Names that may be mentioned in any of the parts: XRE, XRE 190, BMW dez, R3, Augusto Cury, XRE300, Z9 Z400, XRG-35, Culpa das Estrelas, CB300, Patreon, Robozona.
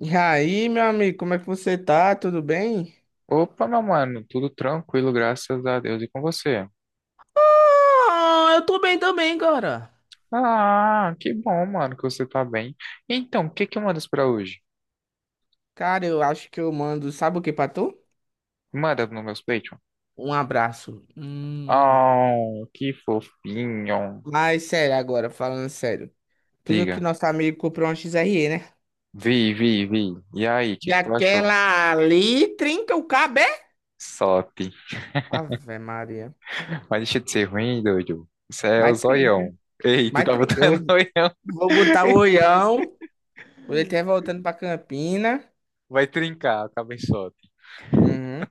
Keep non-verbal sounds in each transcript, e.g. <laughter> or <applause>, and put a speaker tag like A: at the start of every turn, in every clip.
A: E aí, meu amigo, como é que você tá? Tudo bem?
B: Opa, meu mano, tudo tranquilo, graças a Deus. E com você?
A: Ah, eu tô bem também, cara.
B: Ah, que bom, mano, que você tá bem. Então, o que que mandas pra hoje?
A: Cara, eu acho que eu mando, sabe o que pra tu?
B: Manda no meu Patreon.
A: Um abraço.
B: Oh, que fofinho.
A: Mas sério agora, falando sério. Tu viu que
B: Diga.
A: nosso amigo comprou uma XRE, né?
B: Vi, vi, vi. E aí, o que
A: E
B: que tu achou?
A: aquela ali trinca o cabo, é?
B: Sop.
A: Ave Maria.
B: <laughs> Mas deixa de ser ruim, doido. Isso é o
A: Mas trinca.
B: zoião. Ei, tu
A: Mas
B: tá
A: trinca.
B: botando <laughs>
A: Eu
B: zoião.
A: vou botar o olhão quando ele estiver voltando pra Campina.
B: Vai trincar, acaba em sop.
A: Uhum.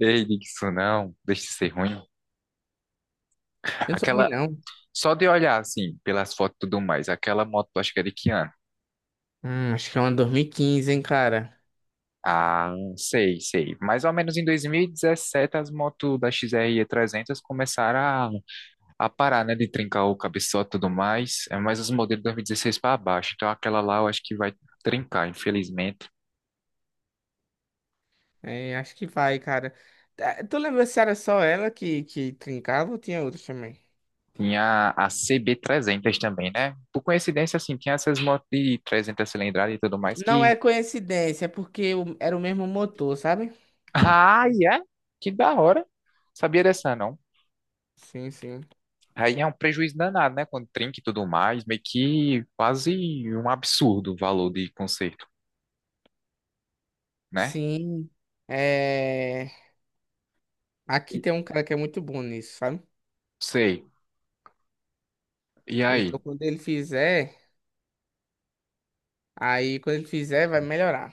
B: Ei, diga isso não. Deixa de ser ruim.
A: Eu não sou ruim,
B: Aquela,
A: não.
B: Só de olhar, assim, pelas fotos e tudo mais, aquela moto, acho que é de que ano?
A: Acho que é uma 2015, hein, cara?
B: Ah, sei, sei. Mais ou menos em 2017, as motos da X R e 300 começaram a parar, né, de trincar o cabeçote e tudo mais. É mais os modelos de 2016 para baixo. Então, aquela lá eu acho que vai trincar, infelizmente.
A: É, acho que vai, cara. Tá, tu lembra se era só ela que trincava ou tinha outras também?
B: Tinha a CB300 também, né? Por coincidência, assim, tinha essas motos de 300 cilindradas e tudo mais
A: Não
B: que...
A: é coincidência, é porque era o mesmo motor, sabe?
B: <laughs> Ah, é? Que da hora. Sabia dessa, não?
A: Sim, sim.
B: Aí é um prejuízo danado, né? Quando trinca e tudo mais, meio que quase um absurdo o valor de conserto, né?
A: Sim. É... Aqui
B: E-
A: tem um cara que é muito bom nisso, sabe?
B: Sei. E
A: Então
B: aí?
A: quando ele fizer, quando ele fizer, vai melhorar.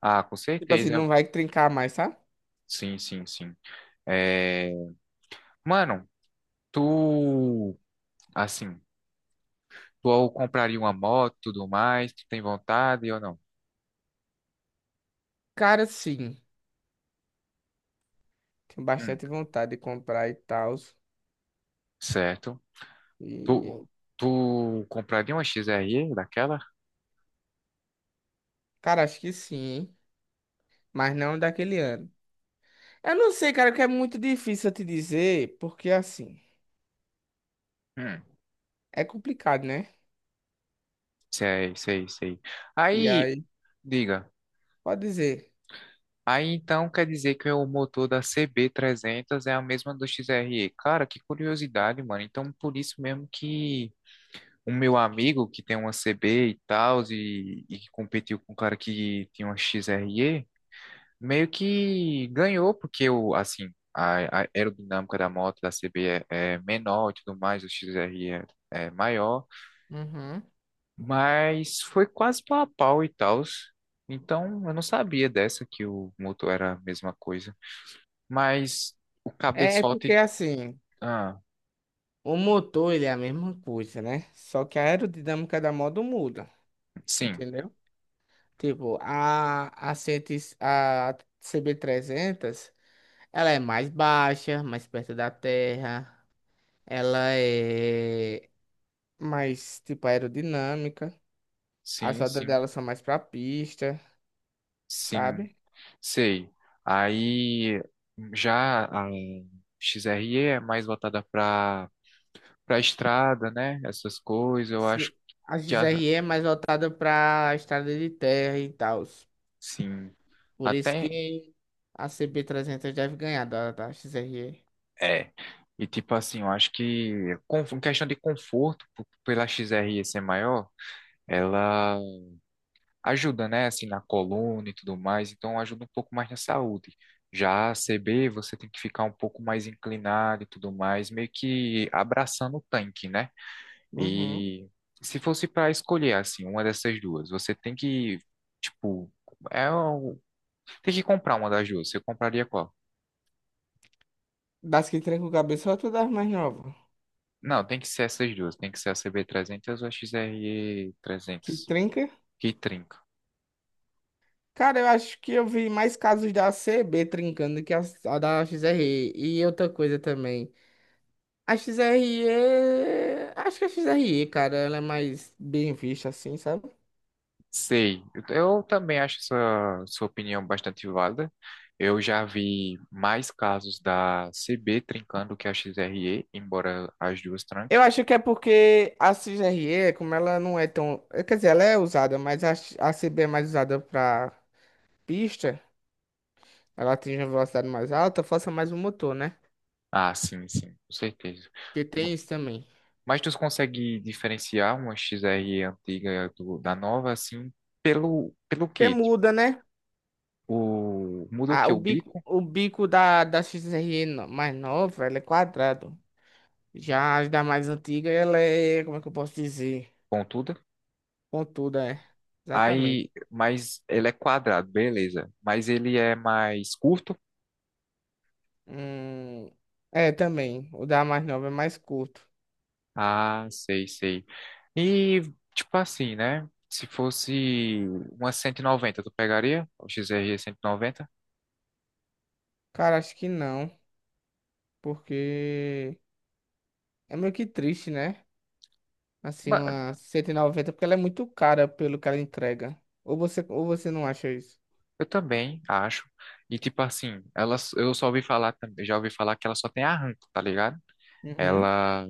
B: Ah, com
A: Tipo assim, não
B: certeza.
A: vai trincar mais, sabe?
B: Sim, sim, sim. É... Mano, tu, assim, tu compraria uma moto e tudo mais, tu tem vontade ou não?
A: Cara, sim. Tenho
B: Hum,
A: bastante vontade de comprar e tal.
B: certo.
A: E...
B: Tu, tu compraria uma XRE daquela?
A: Cara, acho que sim, hein? Mas não daquele ano. Eu não sei, cara, que é muito difícil eu te dizer, porque assim,
B: Hum,
A: é complicado, né?
B: sei, sei, sei.
A: E
B: Aí,
A: aí,
B: diga.
A: pode dizer.
B: Aí então quer dizer que o motor da CB300 é a mesma do XRE. Cara, que curiosidade, mano. Então por isso mesmo que o meu amigo que tem uma CB e tal, e que competiu com o cara que tinha uma XRE, meio que ganhou, porque o, assim, a aerodinâmica da moto da CB é menor e tudo mais, o XRE é maior,
A: Uhum.
B: mas foi quase pau a pau e tal. Então eu não sabia dessa que o motor era a mesma coisa. Mas o
A: É porque
B: cabeçote.
A: assim,
B: Ah,
A: o motor ele é a mesma coisa, né? Só que a aerodinâmica da moto muda,
B: sim,
A: entendeu? Tipo, a, 100 a CB300, ela é mais baixa, mais perto da terra, ela é mais, tipo, aerodinâmica, as
B: sim,
A: rodas dela
B: sim,
A: são mais pra pista,
B: sim,
A: sabe?
B: sei. Aí já a XRE é mais voltada para estrada, né? Essas coisas, eu acho
A: Sim, a
B: que
A: XRE é mais voltada para a estrada de terra e tal.
B: assim,
A: Por isso
B: até
A: que a CB300 deve ganhar da XRE.
B: é. E tipo assim, eu acho que em questão de conforto, pela XRE ser maior, ela ajuda, né, assim, na coluna e tudo mais, então ajuda um pouco mais na saúde. Já a CB, você tem que ficar um pouco mais inclinado e tudo mais, meio que abraçando o tanque, né?
A: Uhum.
B: E se fosse para escolher, assim, uma dessas duas, você tem que, tipo, é, tem que comprar uma das duas, você compraria qual?
A: Das que tranca o cabeçote ou das mais novas?
B: Não, tem que ser essas duas, tem que ser a CB300 ou a
A: Que
B: XRE300,
A: trinca?
B: que trinca.
A: Cara, eu acho que eu vi mais casos da CB trincando que a da XRE. E outra coisa também. A XRE. Acho que a XRE, cara, ela é mais bem vista assim, sabe?
B: Sei, eu também acho essa sua opinião bastante válida. Eu já vi mais casos da CB trincando que a XRE, embora as duas tranquem.
A: Eu acho que é porque a CGRE, como ela não é tão, quer dizer, ela é usada, mas a CB é mais usada pra pista, ela atinge uma velocidade mais alta, força mais o motor, né?
B: Ah, sim, sim, com certeza.
A: Que
B: Ma-
A: tem isso também.
B: Mas tu consegue diferenciar uma XRE antiga da nova, assim, pelo
A: Porque
B: quê? Tipo,
A: muda, né?
B: muda o
A: Ah,
B: que? O bico,
A: o bico da XRE mais nova, ela é quadrado. Já as da mais antiga, ela é. Como é que eu posso dizer?
B: pontuda.
A: Pontuda, é. Exatamente.
B: Aí, mas ele é quadrado, beleza. Mas ele é mais curto.
A: Hum, é, também. O da mais nova é mais curto.
B: Ah, sei, sei. E, tipo assim, né? Se fosse uma 190, tu pegaria? O XRE 190?
A: Cara, acho que não, porque. É meio que triste, né? Assim,
B: Ba-
A: uma 190 porque ela é muito cara pelo que ela entrega. Ou você não acha isso?
B: Eu também, acho. E, tipo assim, ela, eu só ouvi falar também, já ouvi falar que ela só tem arranco, tá ligado?
A: Uhum.
B: Ela,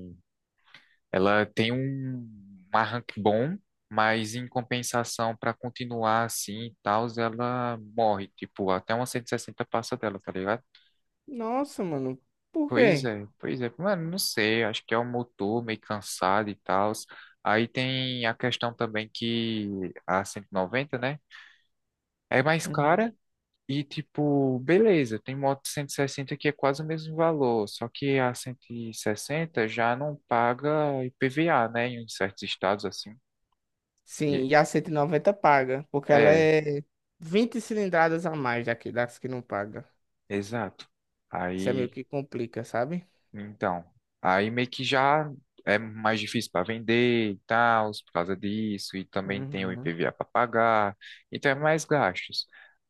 B: ela tem um arranque bom, mas em compensação, pra continuar assim e tal, ela morre. Tipo, até uma 160 passa dela, tá ligado?
A: Nossa, mano. Por
B: Pois
A: quê?
B: é, pois é. Mano, não sei, acho que é o motor meio cansado e tal. Aí tem a questão também que a 190, né? É mais
A: Uhum.
B: cara e, tipo, beleza, tem moto 160 que é quase o mesmo valor, só que a 160 já não paga IPVA, né? Em certos estados assim. E-
A: Sim, e a 190 paga, porque ela
B: É,
A: é 20 cilindradas a mais daqui, das que não paga.
B: exato.
A: Isso é meio
B: Aí
A: que complica, sabe?
B: então, aí meio que já é mais difícil para vender e tal, por causa disso, e também tem o
A: Uhum.
B: IPVA para pagar, então é mais gastos.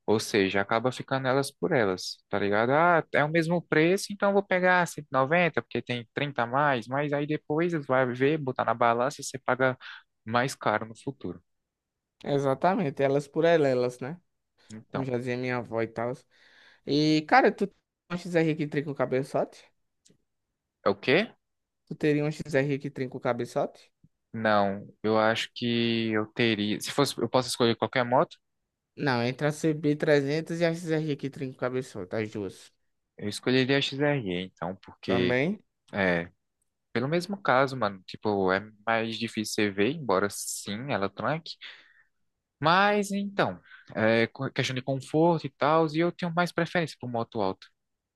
B: Ou seja, acaba ficando elas por elas, tá ligado? Ah, é o mesmo preço, então eu vou pegar 190 porque tem 30 a mais, mas aí depois vai ver, botar na balança e você paga mais caro no futuro.
A: Exatamente, elas por elas, né? Como
B: Então,
A: já dizia minha avó e tal. E, cara, tu tem uma XR que trinca o cabeçote?
B: é o quê?
A: Tu teria uma XR que trinca o cabeçote?
B: Não, eu acho que eu teria. Se fosse, eu posso escolher qualquer moto,
A: Não, entre a CB300 e a XRG-35 cabeçota, as duas.
B: eu escolheria a XRE, então, porque.
A: Também?
B: é, Pelo mesmo caso, mano, tipo, é mais difícil você ver, embora sim, ela tranque. Mas então, é questão de conforto e tal, e eu tenho mais preferência por moto alta.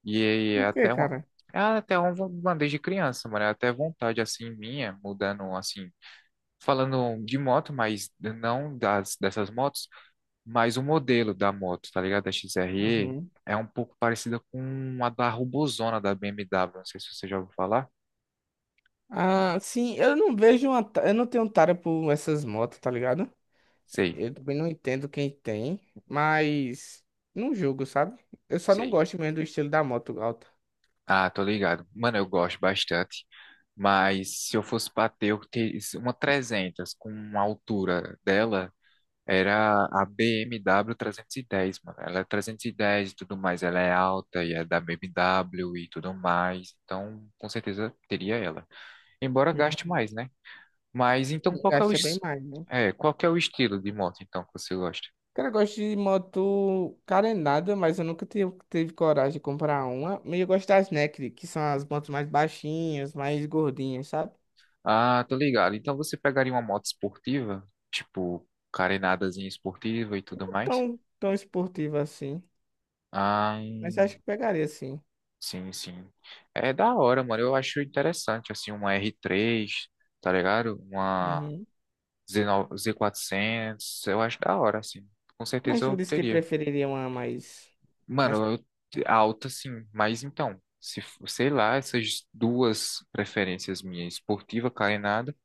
B: E aí é
A: Por quê,
B: até uma,
A: cara?
B: é até uma uma desde criança, mano, é até vontade assim minha, mudando assim, falando de moto, mas não das dessas motos, mas o modelo da moto, tá ligado? Da XRE
A: Uhum.
B: é um pouco parecida com a da Robozona da BMW, não sei se você já ouviu falar.
A: Ah, sim, eu não vejo uma. Eu não tenho tara por essas motos, tá ligado?
B: Sei.
A: Eu também não entendo quem tem, mas não julgo, sabe? Eu só não
B: Sei.
A: gosto mesmo do estilo da moto alta.
B: Ah, tô ligado. Mano, eu gosto bastante. Mas se eu fosse bater, eu teria uma 300 com uma altura dela. Era a BMW 10, mano. Ela é 310 e 10 e tudo mais. Ela é alta e é da BMW e tudo mais. Então, com certeza teria ela. Embora gaste
A: Uhum.
B: mais, né? Mas então, qual que é o,
A: Gasta bem
B: es-
A: mais, né?
B: é, qual que é o estilo de moto, então, que você gosta?
A: Cara, eu gosto de moto carenada, mas eu nunca tive coragem de comprar uma. Mas eu gosto das Naked, que são as motos mais baixinhas, mais gordinhas, sabe?
B: Ah, tô ligado. Então, você pegaria uma moto esportiva? Tipo, carenadazinha esportiva e tudo mais?
A: Tão, tão esportivo assim.
B: Ah,
A: Mas acho que pegaria sim.
B: sim, sim. É da hora, mano. Eu acho interessante, assim, uma R3, tá ligado? Uma
A: Uhum.
B: Z9 Z400. Eu acho da hora, assim. Com certeza
A: Mas não
B: eu
A: disse que
B: teria.
A: preferiria uma mais. Mas
B: Mano, eu, alta, sim. Mas então, se, f- sei lá, essas duas preferências minhas, esportiva, carenada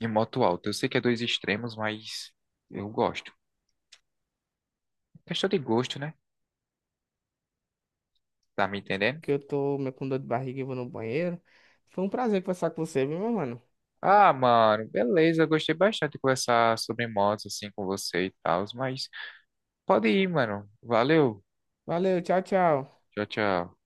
B: e moto alta. Eu sei que é dois extremos, mas eu gosto. Questão de gosto, né? Tá me entendendo?
A: porque eu tô meio com dor de barriga e vou no banheiro. Foi um prazer conversar com você, viu, meu mano?
B: Ah, mano, beleza. Gostei bastante de conversar sobre motos assim com você e tal, mas pode ir, mano. Valeu.
A: Valeu, tchau, tchau.
B: Tchau, tchau.